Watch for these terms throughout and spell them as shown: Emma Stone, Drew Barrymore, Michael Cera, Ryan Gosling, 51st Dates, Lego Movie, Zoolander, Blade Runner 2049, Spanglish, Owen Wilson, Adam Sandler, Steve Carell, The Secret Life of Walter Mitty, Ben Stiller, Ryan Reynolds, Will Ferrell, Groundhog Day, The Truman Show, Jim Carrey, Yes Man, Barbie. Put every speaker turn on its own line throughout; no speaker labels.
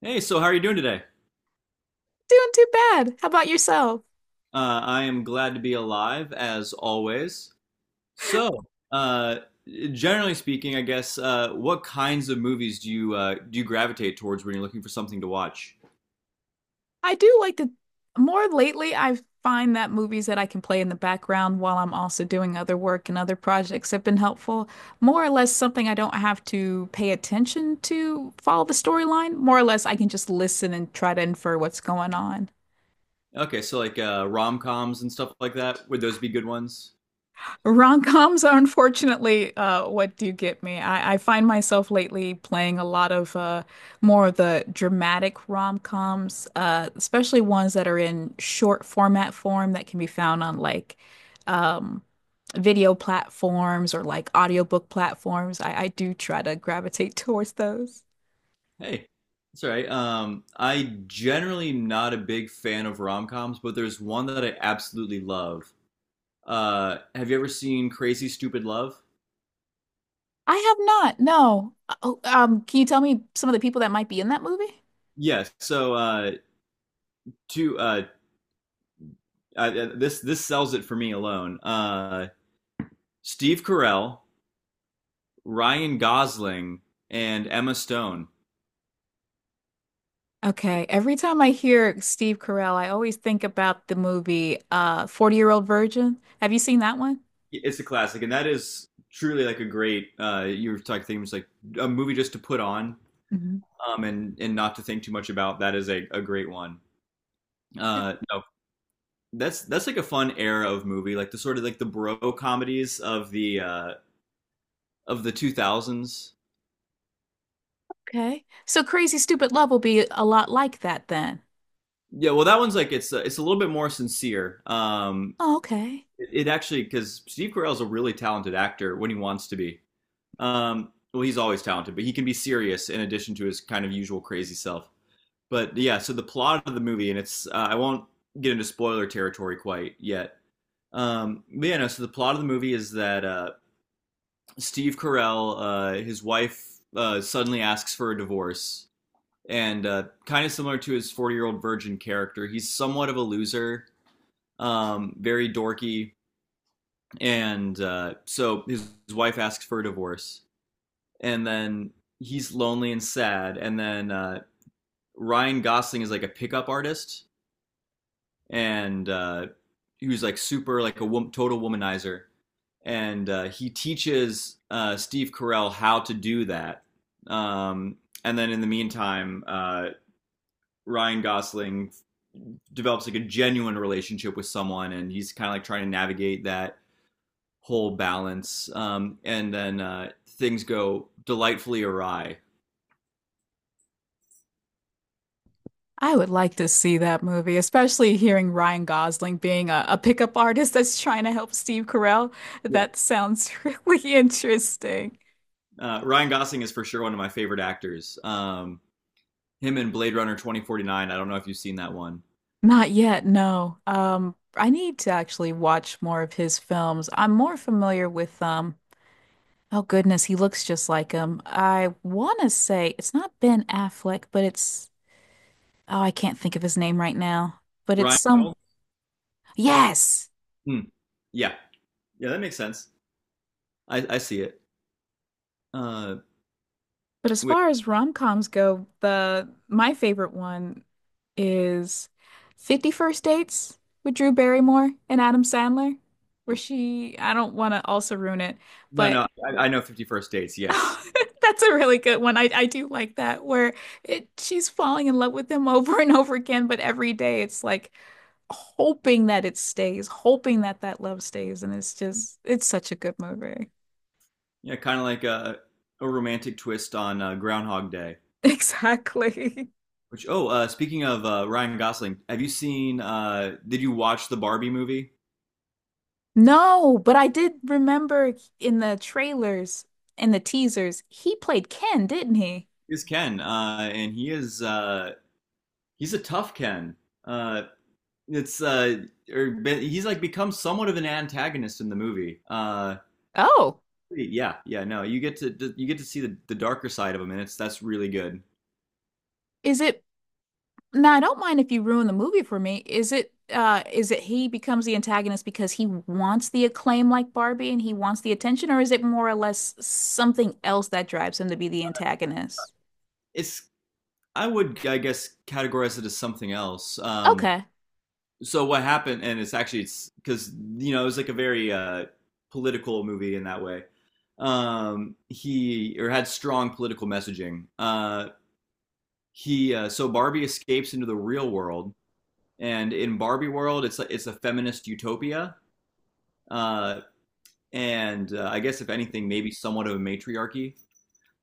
Hey, so how are you doing today?
Doing too bad. How about yourself?
I am glad to be alive, as always. So, uh, Generally speaking, I guess, what kinds of movies do you gravitate towards when you're looking for something to watch?
I do like to more lately I find that movies that I can play in the background while I'm also doing other work and other projects have been helpful. More or less something I don't have to pay attention to follow the storyline. More or less I can just listen and try to infer what's going on.
Okay, so like rom-coms and stuff like that, would those be good ones?
Rom-coms are unfortunately, what do you get me. I find myself lately playing a lot of more of the dramatic rom-coms, especially ones that are in short format form that can be found on like um, video platforms or like audiobook platforms. I do try to gravitate towards those.
Hey, that's all right. I generally am not a big fan of rom-coms, but there's one that I absolutely love. Have you ever seen Crazy Stupid Love?
I have not, no. Oh, can you tell me some of the people that might be in that movie?
Yes. So, two uh, this this sells it for me alone. Steve Carell, Ryan Gosling, and Emma Stone.
Okay. Every time I hear Steve Carell, I always think about the movie 40-Year-Old Virgin. Have you seen that one?
It's a classic, and that is truly like a great. You were talking things like a movie just to put on,
Mhm.
and not to think too much about. That is a great one. No, that's like a fun era of movie, like the sort of like the bro comedies of the two thousands.
Okay. So Crazy Stupid Love will be a lot like that then.
Yeah, well, that one's like it's a little bit more sincere.
Oh, okay.
It actually because Steve Carell's a really talented actor when he wants to be. Well, he's always talented, but he can be serious in addition to his kind of usual crazy self. But yeah, so the plot of the movie, and it's I won't get into spoiler territory quite yet. But yeah, no, so the plot of the movie is that Steve Carell, his wife suddenly asks for a divorce, and kind of similar to his 40-year-old virgin character, he's somewhat of a loser, very dorky, and so his wife asks for a divorce, and then he's lonely and sad. And then Ryan Gosling is like a pickup artist, and he was like super like a wom- total womanizer, and he teaches Steve Carell how to do that. Um, and then in the meantime, Ryan Gosling develops like a genuine relationship with someone, and he's kind of like trying to navigate that whole balance. And then things go delightfully awry.
I would like to see that movie, especially hearing Ryan Gosling being a pickup artist that's trying to help Steve Carell.
Yeah.
That sounds really interesting.
Ryan Gosling is for sure one of my favorite actors. Him in Blade Runner 2049. I don't know if you've seen that one.
Not yet, no. I need to actually watch more of his films. I'm more familiar with oh goodness, he looks just like him. I want to say it's not Ben Affleck, but it's oh, I can't think of his name right now. But it's
Ryan
some
Reynolds?
yes.
Hmm. Yeah. Yeah, that makes sense. I see it. Uh,
But as
wait,
far as rom-coms go, the my favorite one is 50 First Dates with Drew Barrymore and Adam Sandler, where she I don't want to also ruin it,
no,
but
no, I know 51st Dates, yes.
that's a really good one. I do like that where it she's falling in love with him over and over again, but every day it's like hoping that it stays, hoping that that love stays, and it's just it's such a good movie.
Yeah, kind of like a romantic twist on Groundhog Day.
Exactly.
Which, oh, speaking of Ryan Gosling, have you seen, did you watch the Barbie movie?
No, but I did remember in the trailers, in the teasers, he played Ken, didn't he?
Is Ken, and he's a tough Ken. Uh, it's or he's like become somewhat of an antagonist in the movie.
Oh,
Yeah, yeah, no, you get to see the darker side of him, and it's that's really good.
Is it now, I don't mind if you ruin the movie for me. Is it he becomes the antagonist because he wants the acclaim like Barbie and he wants the attention, or is it more or less something else that drives him to be the antagonist?
It's I would I guess categorize it as something else.
Okay.
So what happened, and it's actually it's because you know it was like a very political movie in that way. He or had strong political messaging. He so Barbie escapes into the real world, and in Barbie world, it's a feminist utopia, uh, and I guess if anything, maybe somewhat of a matriarchy.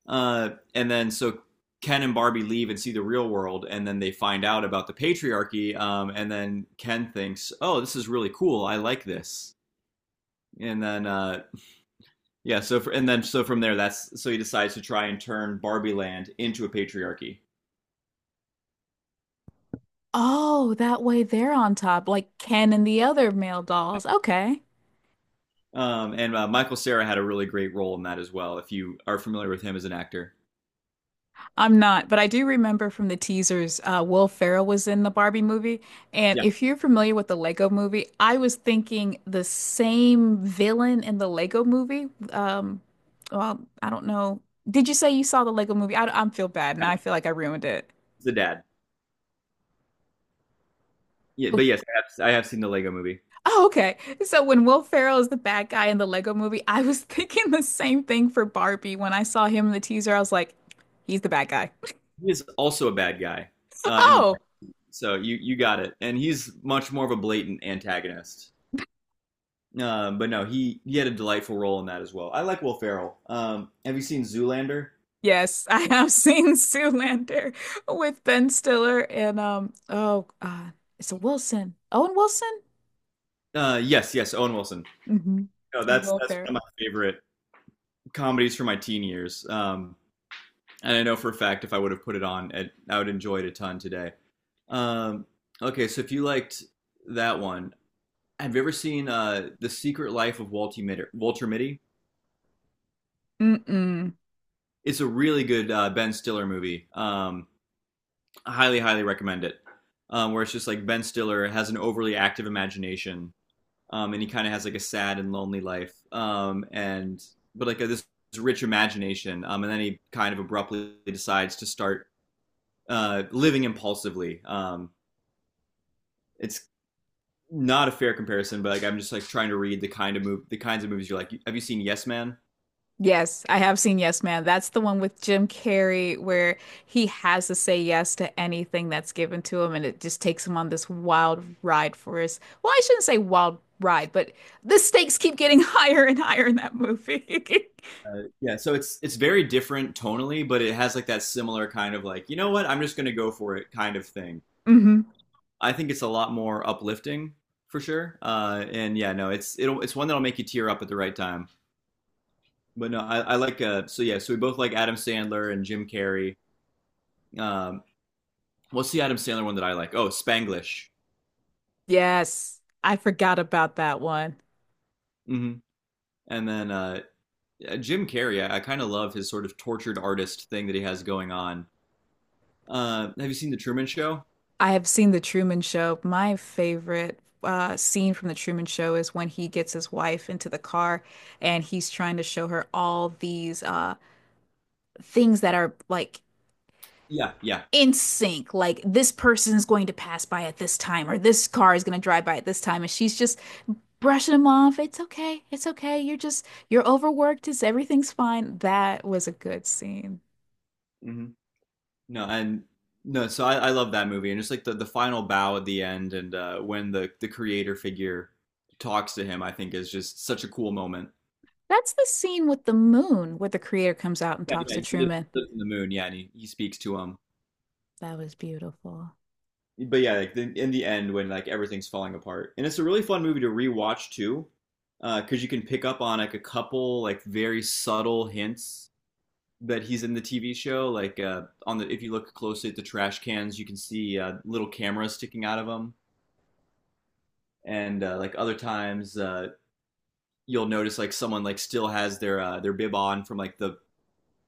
And then so Ken and Barbie leave and see the real world, and then they find out about the patriarchy. And then Ken thinks, "Oh, this is really cool. I like this." And then so from there, that's so he decides to try and turn Barbie Land into a patriarchy.
Oh, that way they're on top, like Ken and the other male dolls. Okay.
And Michael Cera had a really great role in that as well. If you are familiar with him as an actor,
I'm not, but I do remember from the teasers, Will Ferrell was in the Barbie movie. And
yeah,
if you're familiar with the Lego movie, I was thinking the same villain in the Lego movie. Well, I don't know. Did you say you saw the Lego movie? I feel bad now. I
yeah,
feel like I ruined it.
he's the dad. Yeah,
Oh,
but yes, I have seen the Lego Movie.
oh, okay. So when Will Ferrell is the bad guy in the Lego movie, I was thinking the same thing for Barbie. When I saw him in the teaser, I was like, he's the bad guy.
He is also a bad guy in the book,
Oh,
so you got it. And he's much more of a blatant antagonist. But no, he had a delightful role in that as well. I like Will Ferrell. Have you seen Zoolander?
yes, I have seen Zoolander with Ben Stiller and it's a Wilson. Owen Wilson?
Yes, yes, Owen Wilson.
Hmm.
No,
And
that's
Will
that's one
Ferrell.
of my favorite comedies from my teen years. And I know for a fact if I would have put it on, I would enjoy it a ton today. Um, okay, so if you liked that one, have you ever seen The Secret Life of Walter Mitty? Walter Mitty?
Mm-mm.
It's a really good Ben Stiller movie. I highly, highly recommend it. Where it's just like Ben Stiller has an overly active imagination, and he kind of has like a sad and lonely life, and but like this rich imagination, and then he kind of abruptly decides to start living impulsively, it's not a fair comparison, but like I'm just like trying to read the kinds of movies you're like. Have you seen Yes Man?
Yes, I have seen Yes Man. That's the one with Jim Carrey where he has to say yes to anything that's given to him and it just takes him on this wild ride for his, well, I shouldn't say wild ride, but the stakes keep getting higher and higher in that movie.
Yeah, so it's very different tonally, but it has like that similar kind of like you know what I'm just gonna go for it kind of thing.
Hmm.
I think it's a lot more uplifting for sure. And yeah, no, it's one that'll make you tear up at the right time. But no, I like So yeah, so we both like Adam Sandler and Jim Carrey. Um, what's the Adam Sandler one that I like? Oh, Spanglish.
Yes, I forgot about that one.
Hmm. And then Jim Carrey, I kind of love his sort of tortured artist thing that he has going on. Have you seen The Truman Show?
I have seen The Truman Show. My favorite scene from The Truman Show is when he gets his wife into the car and he's trying to show her all these things that are like
Yeah, yeah.
in sync. Like this person is going to pass by at this time, or this car is going to drive by at this time. And she's just brushing him off. It's okay. It's okay. You're just, you're overworked. It's, everything's fine. That was a good scene.
Hmm. No, and no, so I love that movie and just like the final bow at the end and when the creator figure talks to him, I think is just such a cool moment.
That's the scene with the moon where the creator comes out and
Yeah,
talks to
yeah,
Truman.
lives in the moon. Yeah, and he speaks to him.
That was beautiful.
But yeah, like in the end, when like everything's falling apart, and it's a really fun movie to rewatch too, because you can pick up on like a couple like very subtle hints that he's in the TV show. Like on the if you look closely at the trash cans, you can see little cameras sticking out of them, and like other times you'll notice like someone like still has their bib on from like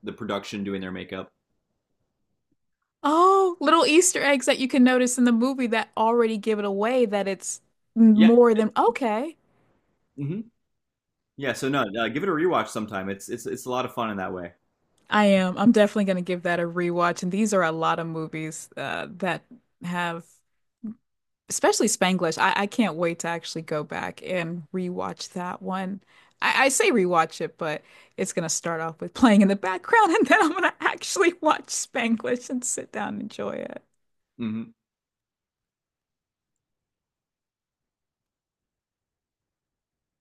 the production doing their makeup.
Oh, little Easter eggs that you can notice in the movie that already give it away that it's
Yeah.
more than okay.
Hmm. Yeah, so no, give it a rewatch sometime. It's it's a lot of fun in that way.
I am. I'm definitely going to give that a rewatch. And these are a lot of movies that have, especially Spanglish. I can't wait to actually go back and rewatch that one. I say rewatch it, but it's going to start off with playing in the background, and then I'm going to actually watch Spanglish and sit down and enjoy it.
Hmm.